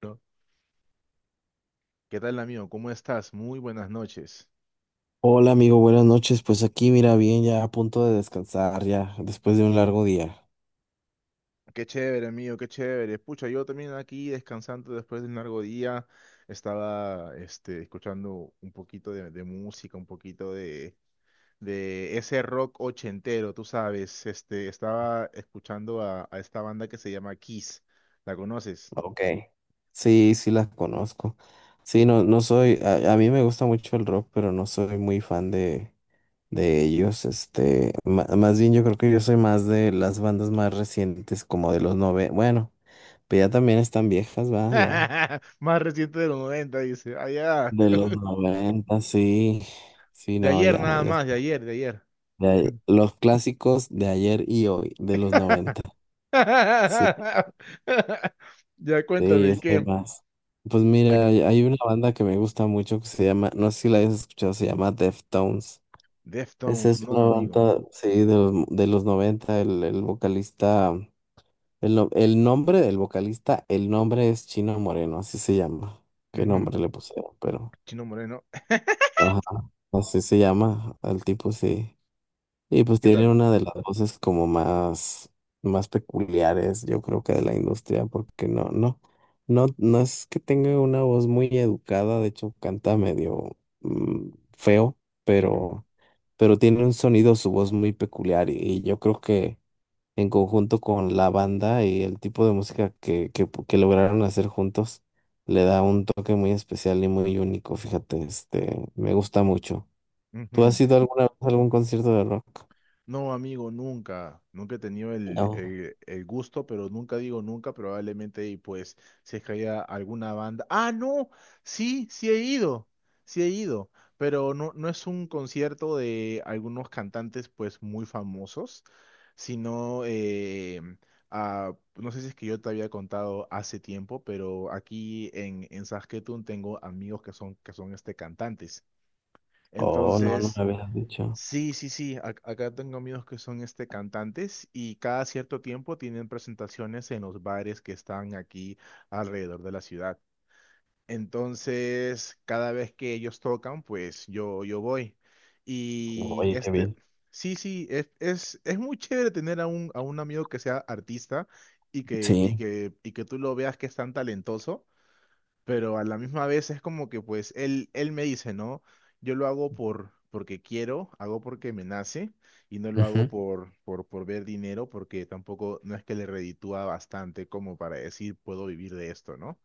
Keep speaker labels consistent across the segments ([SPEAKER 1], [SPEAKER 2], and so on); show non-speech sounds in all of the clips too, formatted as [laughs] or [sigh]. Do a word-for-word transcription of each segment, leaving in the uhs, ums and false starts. [SPEAKER 1] Bueno, ¿qué tal, amigo? ¿Cómo estás? Muy buenas noches.
[SPEAKER 2] Hola amigo, buenas noches. Pues aquí, mira, bien, ya a punto de descansar, ya después de un largo día.
[SPEAKER 1] Qué chévere, amigo, qué chévere. Pucha, yo también aquí descansando después de un largo día. Estaba este, escuchando un poquito de, de música, un poquito de, de ese rock ochentero, tú sabes. Este, estaba escuchando a, a esta banda que se llama Kiss. ¿La conoces?
[SPEAKER 2] Ok, sí, sí las conozco. Sí, no, no soy, a, a mí me gusta mucho el rock, pero no soy muy fan de, de ellos. Este, ma- más bien yo creo que yo soy más de las bandas más recientes, como de los nove, bueno, pero ya también están viejas, va, ya.
[SPEAKER 1] [laughs] Más reciente de los noventa, dice. Allá.
[SPEAKER 2] De los noventa, sí. Sí,
[SPEAKER 1] De
[SPEAKER 2] no,
[SPEAKER 1] ayer
[SPEAKER 2] ya,
[SPEAKER 1] nada
[SPEAKER 2] ya,
[SPEAKER 1] más, de ayer, de ayer.
[SPEAKER 2] ya, los clásicos de ayer y hoy, de los
[SPEAKER 1] [laughs]
[SPEAKER 2] noventa. Sí.
[SPEAKER 1] [laughs] Ya
[SPEAKER 2] Sí,
[SPEAKER 1] cuéntame,
[SPEAKER 2] yo
[SPEAKER 1] ¿y
[SPEAKER 2] sé
[SPEAKER 1] qué?
[SPEAKER 2] más. Pues
[SPEAKER 1] Ac-
[SPEAKER 2] mira, hay hay una banda que me gusta mucho que se llama, no sé si la hayas escuchado, se llama Deftones. Esa
[SPEAKER 1] Deftones,
[SPEAKER 2] es
[SPEAKER 1] no,
[SPEAKER 2] una
[SPEAKER 1] amigo.
[SPEAKER 2] banda, sí, de los, de los noventa, el, el vocalista, el, no- el nombre del vocalista, el nombre es Chino Moreno, así se llama. ¿Qué
[SPEAKER 1] Ujú.
[SPEAKER 2] nombre le pusieron? Pero
[SPEAKER 1] Chino Moreno. [laughs]
[SPEAKER 2] ajá, así se llama al tipo, sí. Y pues
[SPEAKER 1] ¿Qué
[SPEAKER 2] tiene
[SPEAKER 1] tal?
[SPEAKER 2] una de las voces como más, más peculiares, yo creo que de la industria, porque no, no, no, no es que tenga una voz muy educada, de hecho canta medio mm, feo,
[SPEAKER 1] Ujú,
[SPEAKER 2] pero, pero tiene un sonido, su voz muy peculiar, y, y yo creo que en conjunto con la banda y el tipo de música que, que, pu- que lograron hacer juntos, le da un toque muy especial y muy único, fíjate, este, me gusta mucho. ¿Tú
[SPEAKER 1] ujú.
[SPEAKER 2] has ido alguna vez a algún concierto de rock?
[SPEAKER 1] No, amigo, nunca. Nunca he tenido el,
[SPEAKER 2] No.
[SPEAKER 1] el- el gusto, pero nunca digo nunca, probablemente, y pues, si es que haya alguna banda. ¡Ah, no! Sí, sí he ido. Sí he ido. Pero no, no es un concierto de algunos cantantes, pues, muy famosos, sino, eh, a- no sé si es que yo te había contado hace tiempo, pero aquí en, en Saskatoon tengo amigos que son, que son este cantantes.
[SPEAKER 2] Oh, no, no
[SPEAKER 1] Entonces.
[SPEAKER 2] me habías dicho.
[SPEAKER 1] Sí, sí, sí. ac- Acá tengo amigos que son este cantantes y cada cierto tiempo tienen presentaciones en los bares que están aquí alrededor de la ciudad. Entonces, cada vez que ellos tocan, pues yo, yo voy. Y
[SPEAKER 2] Oye, qué
[SPEAKER 1] este,
[SPEAKER 2] bien.
[SPEAKER 1] sí, sí, es, es, es muy chévere tener a un, a un amigo que sea artista y que, y
[SPEAKER 2] Sí.
[SPEAKER 1] que, y que tú lo veas que es tan talentoso pero a la misma vez es como que pues él, él me dice, ¿no? Yo lo hago por, porque quiero, hago porque me nace y no lo hago
[SPEAKER 2] Ujú.
[SPEAKER 1] por, por, por ver dinero porque tampoco no es que le reditúa bastante como para decir puedo vivir de esto, ¿no?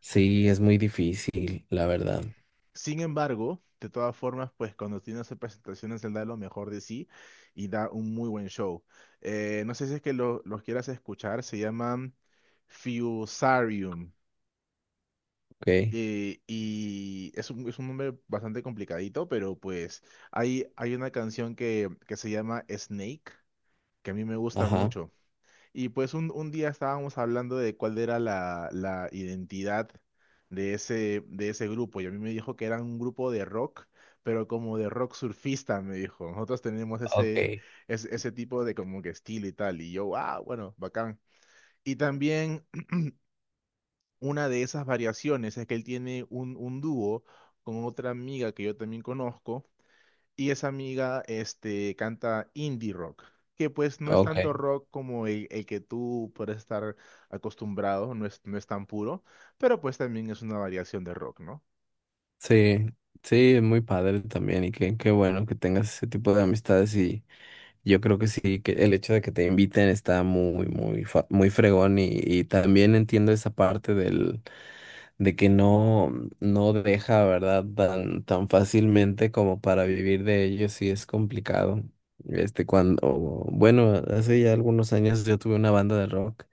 [SPEAKER 2] Sí, es muy difícil, la verdad.
[SPEAKER 1] Sin embargo, de todas formas, pues cuando tiene hace presentaciones él da lo mejor de sí y da un muy buen show. Eh, no sé si es que lo- los quieras escuchar, se llaman Fusarium.
[SPEAKER 2] Ok.
[SPEAKER 1] Eh, y es un, es un nombre bastante complicadito, pero pues hay, hay una canción que, que se llama Snake, que a mí me gusta
[SPEAKER 2] Ajá.
[SPEAKER 1] mucho. Y pues un, un día estábamos hablando de cuál era la, la identidad de ese, de ese grupo, y a mí me dijo que era un grupo de rock, pero como de rock surfista, me dijo. Nosotros tenemos
[SPEAKER 2] Ok.
[SPEAKER 1] ese, ese, ese tipo de como que estilo y tal, y yo, ah, bueno, bacán. Y también una de esas variaciones es que él tiene un, un dúo con otra amiga que yo también conozco y esa amiga este, canta indie rock, que pues no es
[SPEAKER 2] Ok.
[SPEAKER 1] tanto rock como el, el que tú puedes estar acostumbrado, no es, no es tan puro, pero pues también es una variación de rock, ¿no?
[SPEAKER 2] Sí. Sí, es muy padre también y qué, qué bueno que tengas ese tipo de amistades y yo creo que sí, que el hecho de que te inviten está muy, muy, fa- muy fregón y, y también entiendo esa parte del. De que no, no deja, ¿verdad? Tan, tan fácilmente como para vivir de ello, sí es complicado. Este, cuando, bueno, hace ya algunos años yo tuve una banda de rock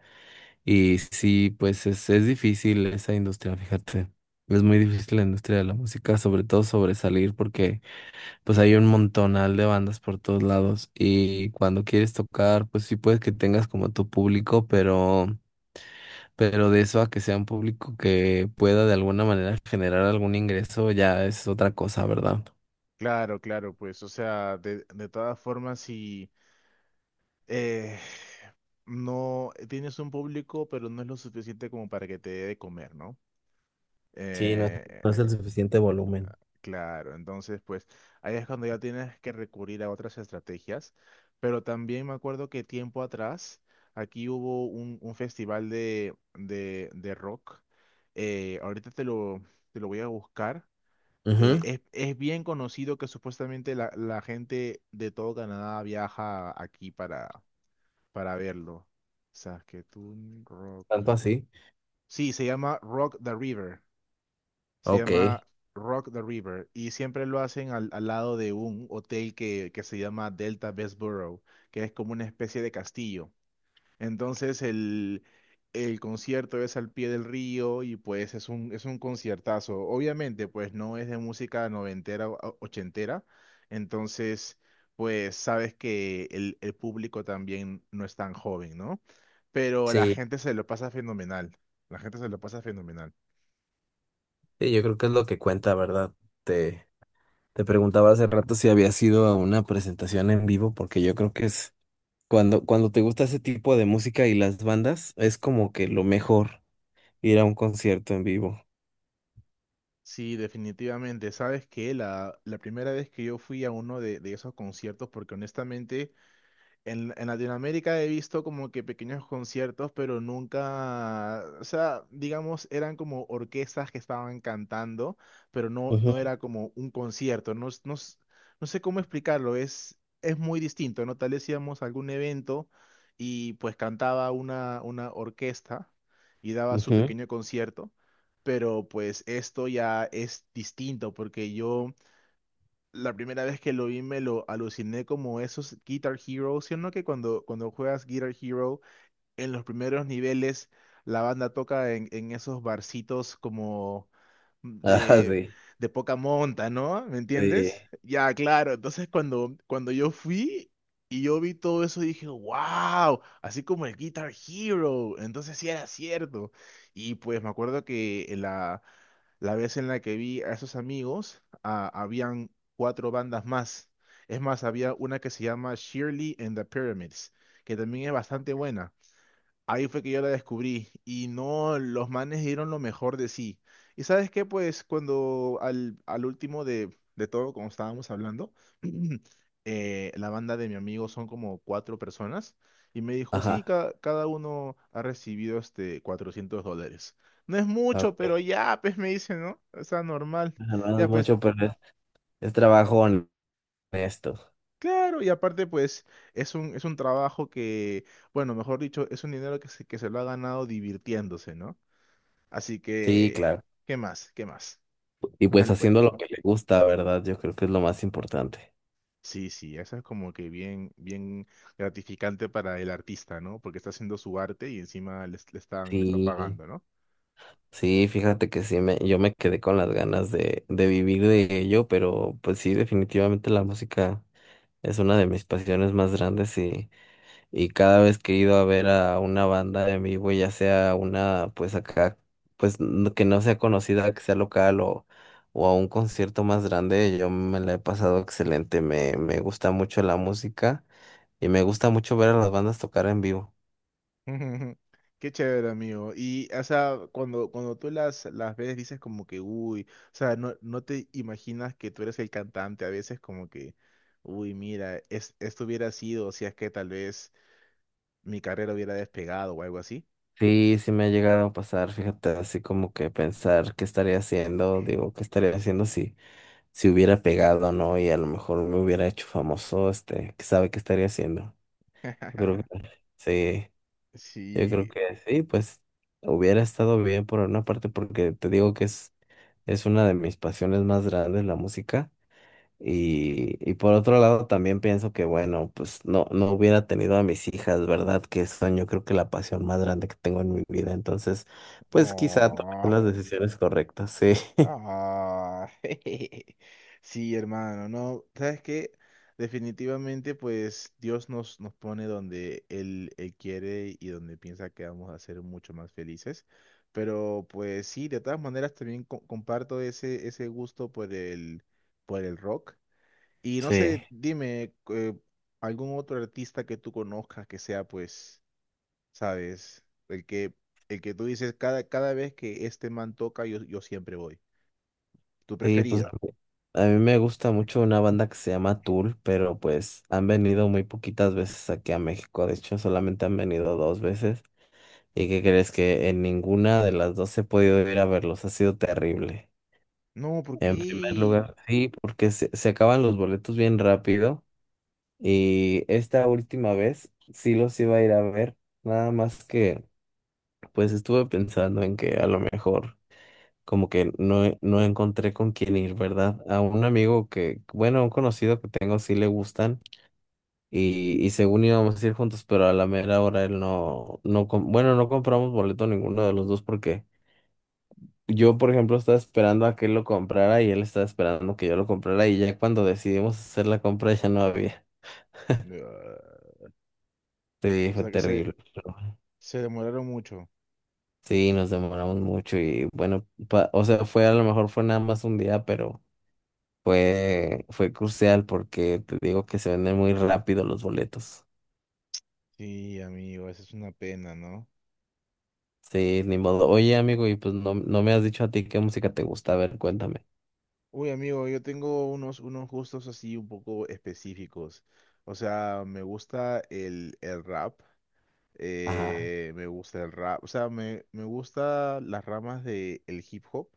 [SPEAKER 2] y sí, pues es, es difícil esa industria, fíjate. Es muy difícil la industria de la música, sobre todo sobresalir, porque pues hay un montonal de bandas por todos lados y cuando quieres tocar, pues sí puedes que tengas como tu público, pero pero de eso a que sea un público que pueda de alguna manera generar algún ingreso ya es otra cosa, ¿verdad?
[SPEAKER 1] Claro, claro, pues, o sea, de, de todas formas, si eh, no tienes un público, pero no es lo suficiente como para que te dé de comer, ¿no?
[SPEAKER 2] Sí, no,
[SPEAKER 1] Eh,
[SPEAKER 2] no es el suficiente volumen.
[SPEAKER 1] Claro, entonces pues ahí es cuando ya tienes que recurrir a otras estrategias, pero también me acuerdo que tiempo atrás aquí hubo un, un festival de, de, de rock, eh, ahorita te lo, te lo voy a buscar, eh,
[SPEAKER 2] Ujú.
[SPEAKER 1] es, es bien conocido que supuestamente la, la gente de todo Canadá viaja aquí para, para verlo. Saskatoon Rock.
[SPEAKER 2] Tanto así.
[SPEAKER 1] Sí, se llama Rock the River. Se
[SPEAKER 2] Ok,
[SPEAKER 1] llama Rock the River y siempre lo hacen al, al lado de un hotel que, que se llama Delta Borough, que es como una especie de castillo. Entonces el, el concierto es al pie del río y pues es un, es un conciertazo. Obviamente pues no es de música noventera o o- ochentera, entonces pues sabes que el, el público también no es tan joven, ¿no? Pero la
[SPEAKER 2] sí,
[SPEAKER 1] gente se lo pasa fenomenal, la gente se lo pasa fenomenal.
[SPEAKER 2] sí, yo creo que es lo que cuenta, ¿verdad? Te, te preguntaba hace rato si había sido a una presentación en vivo, porque yo creo que es cuando, cuando te gusta ese tipo de música y las bandas, es como que lo mejor ir a un concierto en vivo.
[SPEAKER 1] Sí, definitivamente. Sabes que la, la primera vez que yo fui a uno de, de esos conciertos, porque honestamente en, en Latinoamérica he visto como que pequeños conciertos, pero nunca, o sea, digamos, eran como orquestas que estaban cantando, pero no,
[SPEAKER 2] Ujú,
[SPEAKER 1] no era como un concierto. No, s- no, s- no sé cómo explicarlo, es, es muy distinto, ¿no? Tal vez íbamos a algún evento y pues cantaba una, una orquesta y daba su
[SPEAKER 2] ujú.
[SPEAKER 1] pequeño concierto, pero pues esto ya es distinto porque yo la primera vez que lo vi me lo aluciné como esos Guitar Hero, ¿sí o no? Que cuando, cuando juegas Guitar Hero, en los primeros niveles, la banda toca en, en esos barcitos como
[SPEAKER 2] [laughs] Ah,
[SPEAKER 1] de,
[SPEAKER 2] sí,
[SPEAKER 1] de poca monta, ¿no? ¿Me
[SPEAKER 2] sí.
[SPEAKER 1] entiendes? Ya, claro. Entonces cuando, cuando yo fui y yo vi todo eso, dije, wow, así como el Guitar Hero. Entonces sí era cierto. Y pues me acuerdo que la la vez en la que vi a esos amigos, ah, habían cuatro bandas más. Es más, había una que se llama Shirley and the Pyramids, que también es bastante buena. Ahí fue que yo la descubrí y no, los manes dieron lo mejor de sí. ¿Y sabes qué? Pues cuando al, al último de, de todo, como estábamos hablando, [clears throat] eh, la banda de mi amigo son como cuatro personas y me dijo, sí,
[SPEAKER 2] Ajá.
[SPEAKER 1] ca- cada uno ha recibido este cuatrocientos dólares. No es mucho, pero
[SPEAKER 2] Ok.
[SPEAKER 1] ya, pues me dice, ¿no? O sea, normal.
[SPEAKER 2] Ajá, no
[SPEAKER 1] Ya,
[SPEAKER 2] es
[SPEAKER 1] pues,
[SPEAKER 2] mucho, pero es, es trabajo honesto.
[SPEAKER 1] claro, y aparte, pues, es un, es un trabajo que, bueno, mejor dicho, es un dinero que se, que se lo ha ganado divirtiéndose, no. Así
[SPEAKER 2] Sí,
[SPEAKER 1] que,
[SPEAKER 2] claro.
[SPEAKER 1] ¿qué más? ¿Qué más?
[SPEAKER 2] Y
[SPEAKER 1] ¿Qué más
[SPEAKER 2] pues
[SPEAKER 1] le puedes
[SPEAKER 2] haciendo
[SPEAKER 1] pedir?
[SPEAKER 2] lo que le gusta, ¿verdad? Yo creo que es lo más importante.
[SPEAKER 1] Sí, sí, eso es como que bien, bien gratificante para el artista, ¿no? Porque está haciendo su arte y encima le, le están, le están
[SPEAKER 2] Sí,
[SPEAKER 1] pagando, ¿no?
[SPEAKER 2] sí, fíjate que sí, me, yo me quedé con las ganas de, de vivir de ello, pero pues sí, definitivamente la música es una de mis pasiones más grandes y, Y cada vez que he ido a ver a una banda en vivo, ya sea una, pues acá, pues no- que no sea conocida, que sea local o, o a un concierto más grande, yo me la he pasado excelente. Me, me gusta mucho la música y me gusta mucho ver a las bandas tocar en vivo.
[SPEAKER 1] [laughs] Qué chévere, amigo. Y, o sea, cuando, cuando tú las, las ves, dices como que, uy, o sea, no, no te imaginas que tú eres el cantante, a veces como que, uy, mira, es, esto hubiera sido, si es que tal vez mi carrera hubiera despegado o algo así.
[SPEAKER 2] Sí, sí me ha llegado a pasar, fíjate, así como que pensar qué estaría haciendo, digo, qué estaría haciendo si, si hubiera pegado, ¿no? Y a lo mejor me hubiera hecho famoso, este, que sabe qué estaría haciendo. Yo creo que
[SPEAKER 1] [laughs]
[SPEAKER 2] sí. Yo creo
[SPEAKER 1] Sí.
[SPEAKER 2] que sí, pues hubiera estado bien por una parte porque te digo que es, es una de mis pasiones más grandes la música y, y por otro lado también pienso que bueno, pues no, no hubiera tenido a mis hijas, ¿verdad? Que son yo creo que la pasión más grande que tengo en mi vida, entonces pues quizá
[SPEAKER 1] Oh.
[SPEAKER 2] tomé las decisiones correctas, sí. [laughs]
[SPEAKER 1] Ah, [laughs] sí, hermano, no, ¿sabes qué? Definitivamente, pues Dios nos, nos pone donde Él, Él quiere y donde piensa que vamos a ser mucho más felices. Pero pues sí, de todas maneras también co- comparto ese, ese gusto por el, por el rock. Y no
[SPEAKER 2] Sí,
[SPEAKER 1] sé, dime, eh, algún otro artista que tú conozcas que sea, pues, sabes, el que, el que tú dices cada, cada vez que este man toca, yo, yo siempre voy tu
[SPEAKER 2] sí, pues a
[SPEAKER 1] preferido.
[SPEAKER 2] mí, a mí me gusta mucho una banda que se llama Tool, pero pues han venido muy poquitas veces aquí a México, de hecho solamente han venido dos veces. ¿Y qué crees que en ninguna de las dos he podido ir a verlos? Ha sido terrible.
[SPEAKER 1] No, ¿por
[SPEAKER 2] En primer
[SPEAKER 1] qué?
[SPEAKER 2] lugar, sí, porque se, se acaban los boletos bien rápido y esta última vez sí los iba a ir a ver, nada más que pues estuve pensando en que a lo mejor como que no, e- no encontré con quién ir, ¿verdad? A un amigo que, bueno, un conocido que tengo sí le gustan y, y según íbamos a ir juntos, pero a la mera hora él no, no, com- bueno, no compramos boleto ninguno de los dos porque... Yo, por ejemplo, estaba esperando a que él lo comprara y él estaba esperando que yo lo comprara y ya cuando decidimos hacer la compra ya no había.
[SPEAKER 1] Ah,
[SPEAKER 2] Sí,
[SPEAKER 1] o
[SPEAKER 2] fue
[SPEAKER 1] sea que se,
[SPEAKER 2] terrible. Pero
[SPEAKER 1] se demoraron mucho.
[SPEAKER 2] sí, nos demoramos mucho y bueno, pa- o sea, fue a lo mejor fue nada más un día, pero fue fue crucial porque te digo que se venden muy rápido los boletos.
[SPEAKER 1] Sí, amigo, esa es una pena, ¿no?
[SPEAKER 2] Sí, ni modo. Oye, amigo, y pues no, no me has dicho a ti qué música te gusta. A ver, cuéntame.
[SPEAKER 1] Uy, amigo, yo tengo unos, unos gustos así un poco específicos. O sea, me gusta el, el rap.
[SPEAKER 2] Ajá.
[SPEAKER 1] Eh, me gusta el rap. O sea, me, me gusta las ramas del hip hop.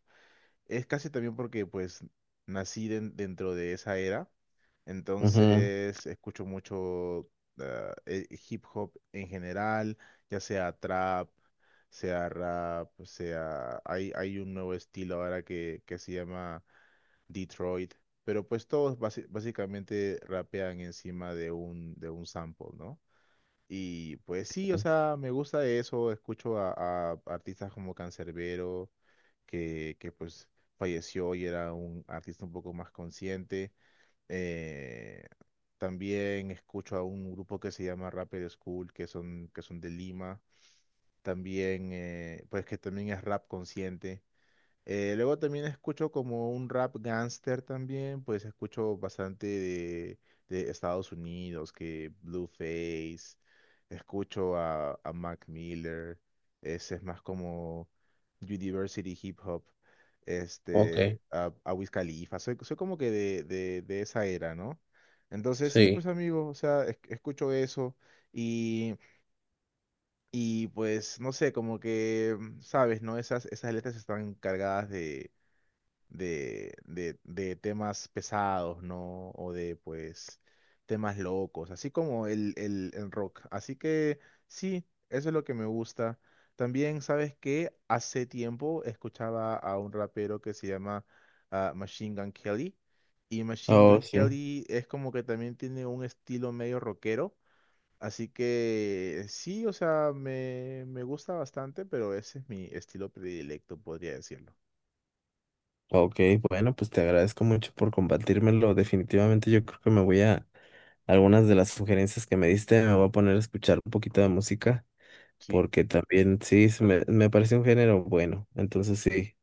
[SPEAKER 1] Es casi también porque pues nací den- dentro de esa era,
[SPEAKER 2] Ujú.
[SPEAKER 1] entonces escucho mucho ah, eh, hip hop en general, ya sea trap, sea rap, pues, sea... Hay, hay un nuevo estilo ahora que, que se llama Detroit, pero pues todos basi- básicamente rapean encima de un, de un sample, ¿no? Y pues sí, o sea, me gusta eso, escucho a, a artistas como Canserbero que, que pues falleció y era un artista un poco más consciente. Eh, También escucho a un grupo que se llama Rapper School, que son, que son de Lima. También, eh, pues que también es rap consciente. Eh, luego también escucho como un rap gangster también, pues escucho bastante de, de Estados Unidos, que Blueface, escucho a, a Mac Miller, ese es más como University Hip Hop, este,
[SPEAKER 2] Ok,
[SPEAKER 1] a, a Wiz Khalifa, soy, soy como que de, de, de esa era, ¿no? Entonces sí,
[SPEAKER 2] sí.
[SPEAKER 1] pues amigo, o sea, es- escucho eso y, y pues no sé, como que, mm, sabes, ¿no? Esas, esas letras están cargadas de, de, de temas pesados, ¿no? O de, pues, temas locos, así como el, el, el rock. Así que sí, eso es lo que me gusta. También, ¿sabes que hace tiempo escuchaba a un rapero que se llama ah, Machine Gun Kelly. Y Machine
[SPEAKER 2] Oh,
[SPEAKER 1] Gun
[SPEAKER 2] sí.
[SPEAKER 1] Kelly es como que también tiene un estilo medio rockero. Así que sí, o sea, me, me gusta bastante, pero ese es mi estilo predilecto, podría decirlo.
[SPEAKER 2] Ok, bueno, pues te agradezco mucho por compartírmelo. Definitivamente yo creo que me voy a algunas de las sugerencias que me diste, me voy a poner a escuchar un poquito de música,
[SPEAKER 1] Sí.
[SPEAKER 2] porque también sí, se me, me parece un género bueno. Entonces sí,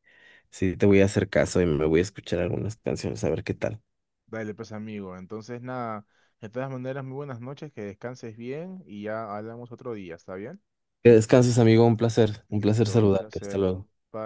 [SPEAKER 2] sí te voy a hacer caso y me voy a escuchar algunas canciones, a ver qué tal.
[SPEAKER 1] Dale, pues amigo. Entonces, nada, de todas maneras, muy buenas noches, que descanses bien y ya hablamos otro día, ¿está bien?
[SPEAKER 2] Que descanses, amigo, un placer, un placer
[SPEAKER 1] Listo, un
[SPEAKER 2] saludarte. Hasta
[SPEAKER 1] placer.
[SPEAKER 2] luego.
[SPEAKER 1] Bye.